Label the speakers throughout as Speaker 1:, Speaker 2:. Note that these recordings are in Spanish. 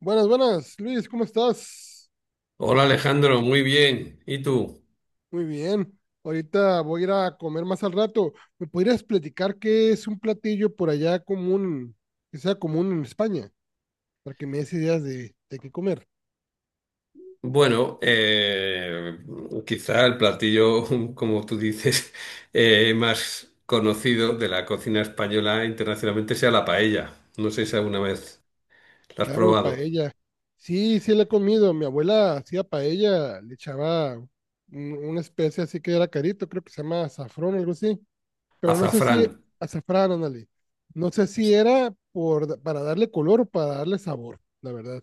Speaker 1: Buenas, buenas, Luis, ¿cómo estás?
Speaker 2: Hola Alejandro, muy bien. ¿Y tú?
Speaker 1: Muy bien. Ahorita voy a ir a comer más al rato. ¿Me podrías platicar qué es un platillo por allá común, que sea común en España, para que me des ideas de qué comer?
Speaker 2: Bueno, eh, quizá el platillo, como tú dices, más conocido de la cocina española internacionalmente sea la paella. No sé si alguna vez la has
Speaker 1: Claro,
Speaker 2: probado.
Speaker 1: paella. Sí, sí la he comido. Mi abuela hacía paella, le echaba una especie así que era carito, creo que se llama azafrón, algo así. Pero no sé
Speaker 2: Azafrán.
Speaker 1: si, azafrán, ándale. No sé si era para darle color o para darle sabor, la verdad.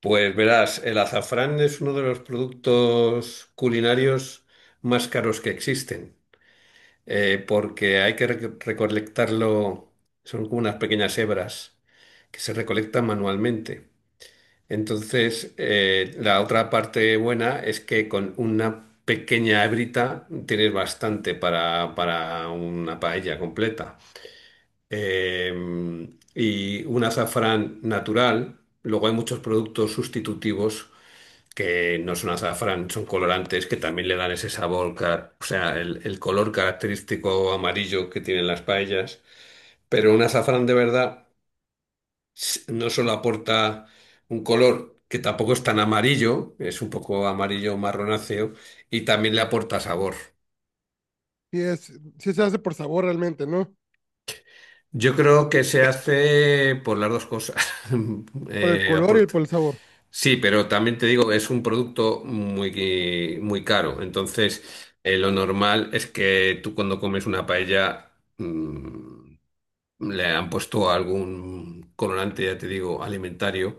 Speaker 2: Pues verás, el azafrán es uno de los productos culinarios más caros que existen, porque hay que recolectarlo, son como unas pequeñas hebras que se recolectan manualmente. Entonces, la otra parte buena es que con una pequeña hebrita tienes bastante para una paella completa. Eh, y un azafrán natural. Luego hay muchos productos sustitutivos que no son azafrán, son colorantes que también le dan ese sabor, o sea, el color característico amarillo que tienen las paellas. Pero un azafrán de verdad no solo aporta un color que tampoco es tan amarillo, es un poco amarillo marronáceo, y también le aporta sabor.
Speaker 1: Sí, es, sí se hace por sabor realmente, ¿no?
Speaker 2: Yo creo que se hace por las dos cosas.
Speaker 1: Por el color y
Speaker 2: Aporta.
Speaker 1: por el sabor.
Speaker 2: Sí, pero también te digo, es un producto muy, muy caro. Entonces, lo normal es que tú, cuando comes una paella, mm, le han puesto algún colorante, ya te digo, alimentario,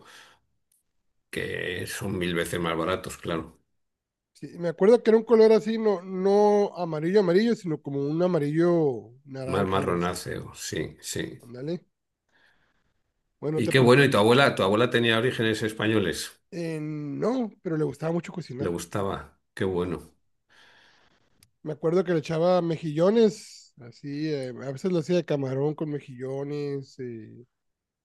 Speaker 2: que son mil veces más baratos, claro.
Speaker 1: Sí, me acuerdo que era un color así, no, no amarillo, amarillo, sino como un amarillo
Speaker 2: Más
Speaker 1: naranja, algo así.
Speaker 2: marronáceo, sí, sí.
Speaker 1: Ándale. Bueno,
Speaker 2: Y qué bueno, y tu abuela tenía orígenes españoles,
Speaker 1: no, pero le gustaba mucho
Speaker 2: le
Speaker 1: cocinar.
Speaker 2: gustaba, qué
Speaker 1: Le gustaba.
Speaker 2: bueno.
Speaker 1: Me acuerdo que le echaba mejillones, así, a veces lo hacía de camarón con mejillones.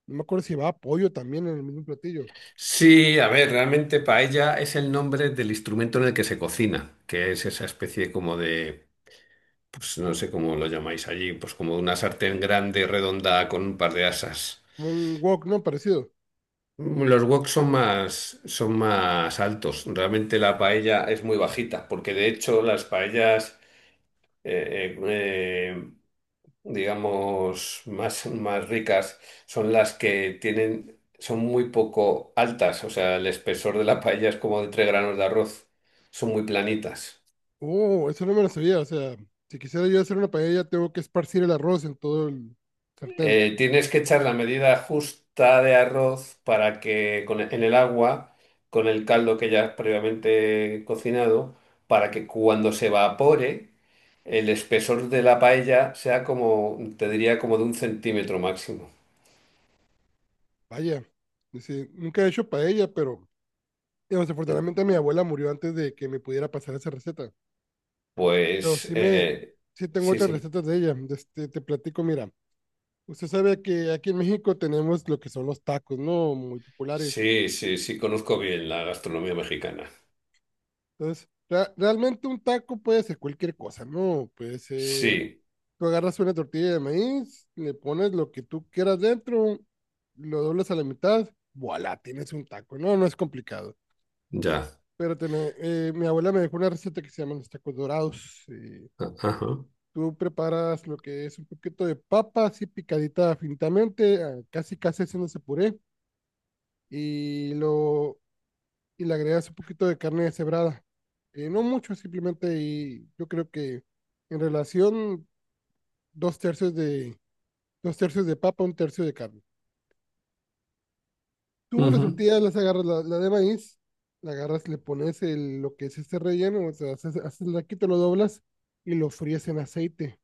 Speaker 1: No me acuerdo si llevaba pollo también en el mismo platillo.
Speaker 2: Sí, a ver, realmente paella es el nombre del instrumento en el que se cocina, que es esa especie como de, pues no sé cómo lo llamáis allí, pues como una sartén grande, redonda, con un par de asas.
Speaker 1: Como un wok, ¿no? Parecido.
Speaker 2: Los woks son más altos, realmente la paella es muy bajita, porque de hecho las paellas... eh, eh, eh, digamos, más ricas son las que tienen, son muy poco altas, o sea, el espesor de la paella es como de tres granos de arroz, son muy planitas.
Speaker 1: Oh, eso no me lo sabía. O sea, si quisiera yo hacer una paella, tengo que esparcir el arroz en todo el sartén.
Speaker 2: Tienes que echar la medida justa de arroz para que en el agua, con el caldo que ya has previamente cocinado, para que cuando se evapore, el espesor de la paella sea como, te diría, como de un centímetro máximo.
Speaker 1: Vaya. Dice, nunca he hecho paella, pero desafortunadamente mi abuela murió antes de que me pudiera pasar esa receta. Pero
Speaker 2: Pues
Speaker 1: sí me,
Speaker 2: eh,
Speaker 1: sí tengo
Speaker 2: sí,
Speaker 1: otras
Speaker 2: sí.
Speaker 1: recetas de ella. De Este, te platico, mira. Usted sabe que aquí en México tenemos lo que son los tacos, ¿no? Muy populares.
Speaker 2: Sí, sí, sí, conozco bien la gastronomía mexicana.
Speaker 1: Entonces, realmente un taco puede ser cualquier cosa, ¿no? Puede ser
Speaker 2: Sí,
Speaker 1: Tú agarras una tortilla de maíz, le pones lo que tú quieras dentro, lo doblas a la mitad, voilà, tienes un taco. No, no es complicado.
Speaker 2: ya.
Speaker 1: Mi abuela me dejó una receta que se llaman los tacos dorados.
Speaker 2: Ajá.
Speaker 1: Tú preparas lo que es un poquito de papa, así picadita finitamente, ah, casi casi haciéndose puré, y, lo, y le agregas un poquito de carne deshebrada. No mucho, simplemente, y yo creo que en relación, dos tercios de, dos tercios de papa, un tercio de carne. Tú las
Speaker 2: Ujú,
Speaker 1: tortillas las agarras, la de maíz, la agarras, le pones lo que es este relleno, o sea, haces el raquito, lo doblas y lo fríes en aceite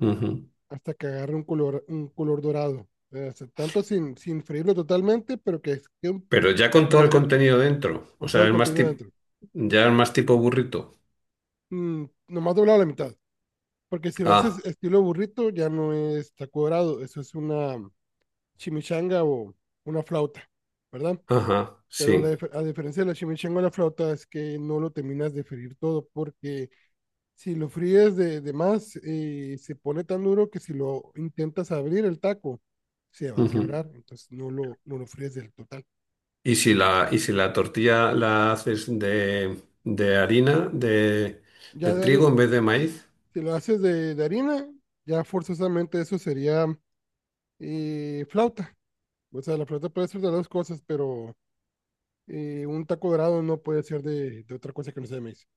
Speaker 2: ujú.
Speaker 1: hasta que agarre un color dorado. O sea, tanto sin freírlo totalmente, pero que quede
Speaker 2: Pero ya con todo el contenido dentro.
Speaker 1: con
Speaker 2: O
Speaker 1: todo
Speaker 2: sea,
Speaker 1: el
Speaker 2: es más
Speaker 1: contenido
Speaker 2: tipo,
Speaker 1: dentro.
Speaker 2: ya es más tipo burrito.
Speaker 1: Mm, nomás doblado a la mitad. Porque si lo haces
Speaker 2: Ah,
Speaker 1: estilo burrito, ya no es taco dorado, eso es una chimichanga o una flauta, ¿verdad?
Speaker 2: ajá,
Speaker 1: Pero
Speaker 2: sí.
Speaker 1: a diferencia de la chimichanga o la flauta es que no lo terminas de freír todo porque si lo fríes de más, se pone tan duro que si lo intentas abrir el taco, se va a
Speaker 2: Ujú.
Speaker 1: quebrar. Entonces no lo fríes del total.
Speaker 2: Y si
Speaker 1: Entonces,
Speaker 2: la, y si la tortilla la haces de harina, de
Speaker 1: ya de
Speaker 2: trigo
Speaker 1: hari-
Speaker 2: en vez de maíz.
Speaker 1: si lo haces de harina, ya forzosamente eso sería flauta. O sea, la flauta puede ser de dos cosas, pero un taco dorado no puede ser de otra cosa que no sea de maíz.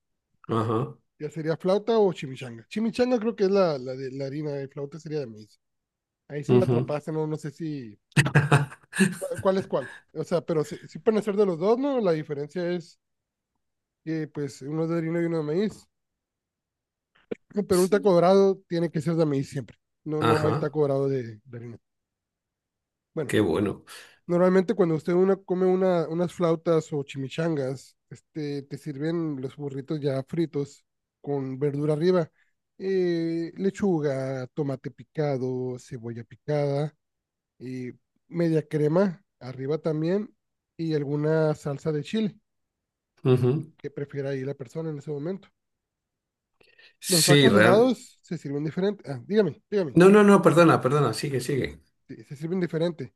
Speaker 2: Ajá.
Speaker 1: Ya sería flauta o chimichanga. Chimichanga creo que es la de la harina, de flauta sería de maíz. Ahí sí me
Speaker 2: Ujú.
Speaker 1: atrapaste, no, no sé si ¿cuál es cuál? O sea, pero sí, sí pueden ser de los dos, ¿no? La diferencia es que, pues, uno es de harina y uno de maíz. Pero un taco
Speaker 2: Sí,
Speaker 1: dorado tiene que ser de maíz siempre. No, no hay
Speaker 2: ajá.
Speaker 1: taco dorado de harina. Bueno,
Speaker 2: Qué bueno.
Speaker 1: normalmente cuando come unas flautas o chimichangas, este, te sirven los burritos ya fritos con verdura arriba. Lechuga, tomate picado, cebolla picada, y media crema arriba también y alguna salsa de chile. De
Speaker 2: Ujú.
Speaker 1: Qué prefiera ahí la persona en ese momento. Los
Speaker 2: Sí,
Speaker 1: tacos
Speaker 2: real.
Speaker 1: dorados se sirven diferente. Ah, dígame, dígame.
Speaker 2: No, no, no, perdona, perdona, sigue,
Speaker 1: Sí, se sirven diferente.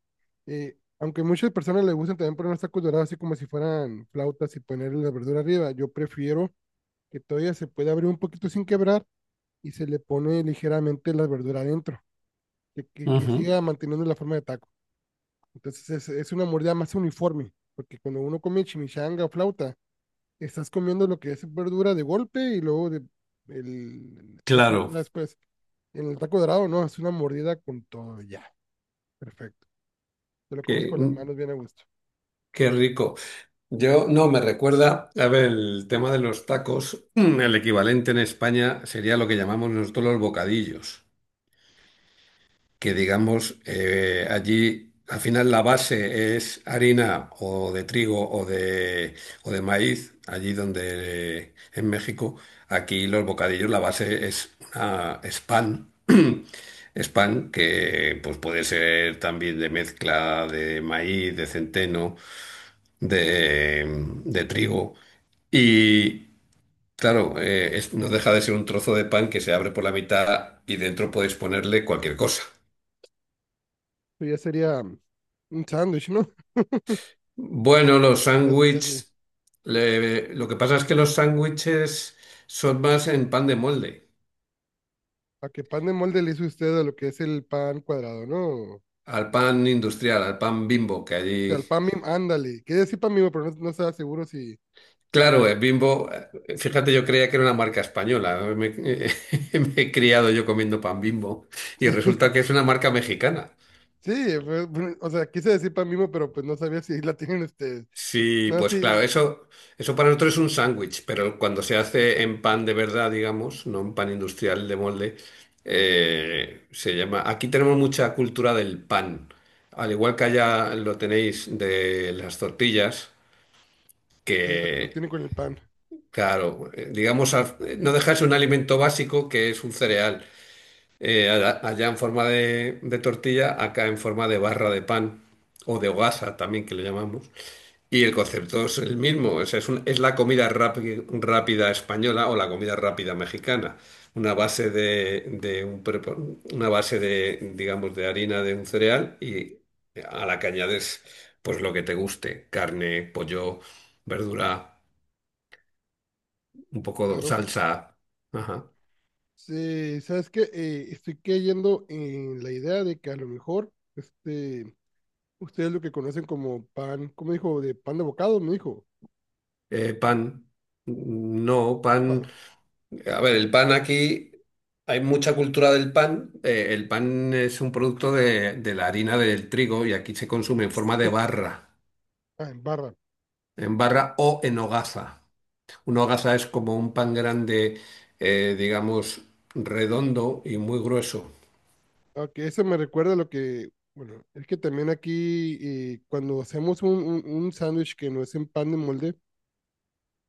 Speaker 1: Aunque muchas personas les gustan también poner los tacos dorados así como si fueran flautas y poner la verdura arriba, yo prefiero que todavía se pueda abrir un poquito sin quebrar y se le pone ligeramente la verdura adentro, que
Speaker 2: sigue.
Speaker 1: siga manteniendo la forma de taco. Entonces es una mordida más uniforme, porque cuando uno come chimichanga o flauta, estás comiendo lo que es verdura de golpe y luego la
Speaker 2: Claro,
Speaker 1: fritura después. En el taco dorado, no, es una mordida con todo, ya, perfecto. Te lo comes
Speaker 2: qué,
Speaker 1: con las manos bien a gusto.
Speaker 2: qué rico. Yo no me recuerda, a ver, el tema de los tacos, el equivalente en España sería lo que llamamos nosotros los bocadillos, que digamos allí al final la base es harina o de trigo o de maíz, allí donde en México, aquí los bocadillos la base es, una, es pan. Es pan que pues puede ser también de mezcla de maíz, de centeno. De, de trigo. Y claro, no deja de ser un trozo de pan que se abre por la mitad y dentro podéis ponerle cualquier cosa.
Speaker 1: Eso ya sería un sándwich, ¿no?
Speaker 2: Bueno, los
Speaker 1: Casi, casi.
Speaker 2: sándwiches, lo que pasa es que los sándwiches son más en pan de molde,
Speaker 1: ¿A qué pan de molde le hizo usted a lo que es el pan cuadrado, no? O
Speaker 2: al pan industrial, al pan Bimbo, que
Speaker 1: sea, el
Speaker 2: allí...
Speaker 1: pan mimo, ándale. Quería decir pan mimo, pero no, no estaba seguro si...
Speaker 2: Claro, el Bimbo, fíjate, yo creía que era una marca española, me me he criado yo comiendo pan Bimbo y resulta que es una marca mexicana.
Speaker 1: Sí, pues, pues, o sea, quise decir pan mimo, pero pues no sabía si la tienen ustedes.
Speaker 2: Sí,
Speaker 1: No,
Speaker 2: pues claro,
Speaker 1: sí,
Speaker 2: eso para nosotros es un sándwich, pero cuando se hace en pan de verdad, digamos, no en pan industrial de molde, se llama. Aquí tenemos mucha cultura del pan, al igual que allá lo tenéis de las tortillas,
Speaker 1: allá lo
Speaker 2: que,
Speaker 1: tienen con el pan,
Speaker 2: claro, digamos, no dejáis un alimento básico que es un cereal. Allá en forma de tortilla, acá en forma de barra de pan o de hogaza también que le llamamos. Y el concepto es el mismo, o sea, es, es la comida rápida española o la comida rápida mexicana. Una base de un una base de, digamos, de harina de un cereal y a la que añades pues lo que te guste, carne, pollo, verdura, un poco de
Speaker 1: claro.
Speaker 2: salsa, ajá.
Speaker 1: Sí, sabes que estoy cayendo en la idea de que a lo mejor este, ustedes lo que conocen como pan, ¿cómo dijo? De pan de bocado, me dijo.
Speaker 2: Eh, pan, no, pan.
Speaker 1: Pan,
Speaker 2: A ver, el pan aquí, hay mucha cultura del pan. El pan es un producto de la harina del trigo y aquí se consume en forma de barra,
Speaker 1: ah, en barra.
Speaker 2: en barra o en hogaza. Una hogaza es como un pan grande, digamos, redondo y muy grueso.
Speaker 1: Ah, ok, eso me recuerda a lo que, bueno, es que también aquí cuando hacemos un sándwich que no es en pan de molde,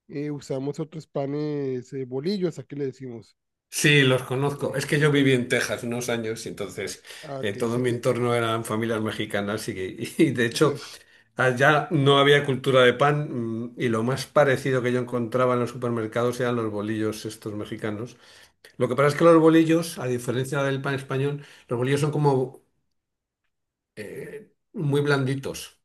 Speaker 1: usamos otros panes, bolillos, aquí le decimos.
Speaker 2: Sí, los conozco. Es
Speaker 1: Sí,
Speaker 2: que yo viví en Texas unos años y
Speaker 1: ah,
Speaker 2: entonces
Speaker 1: ah, ok,
Speaker 2: todo
Speaker 1: sí,
Speaker 2: mi
Speaker 1: sí,
Speaker 2: entorno eran familias mexicanas y de hecho
Speaker 1: entonces,
Speaker 2: allá no había cultura de pan, y lo más parecido que yo encontraba en los supermercados eran los bolillos estos mexicanos. Lo que pasa es que los bolillos, a diferencia del pan español, los bolillos son como muy blanditos.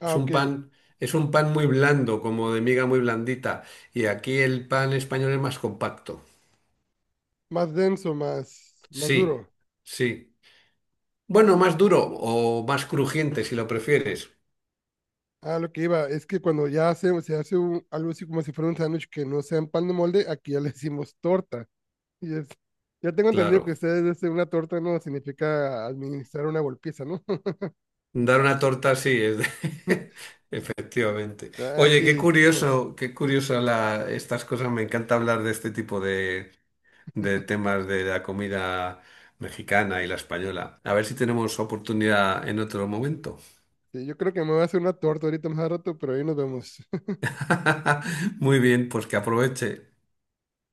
Speaker 1: ah,
Speaker 2: Es un
Speaker 1: ok,
Speaker 2: pan, es un pan muy blando, como de miga muy blandita. Y aquí el pan español es más compacto.
Speaker 1: más denso, más, más duro.
Speaker 2: Sí, sí. Bueno, más duro o más crujiente si lo prefieres.
Speaker 1: Ah, lo que iba, es que cuando ya hace, se hace algo así como si fuera un sándwich que no sea en pan de molde, aquí ya le decimos torta. Y es, ya tengo entendido que
Speaker 2: Claro.
Speaker 1: ustedes dicen una torta no significa administrar una golpiza, ¿no?
Speaker 2: Dar una torta sí es de... Efectivamente.
Speaker 1: Ah,
Speaker 2: Oye,
Speaker 1: aquí, dime,
Speaker 2: qué curioso la, estas cosas. Me encanta hablar de este tipo de temas de la comida mexicana y la española. A ver si tenemos oportunidad en otro momento.
Speaker 1: sí, yo creo que me voy a hacer una torta ahorita más a rato, pero ahí nos vemos.
Speaker 2: Muy bien, pues que aproveche.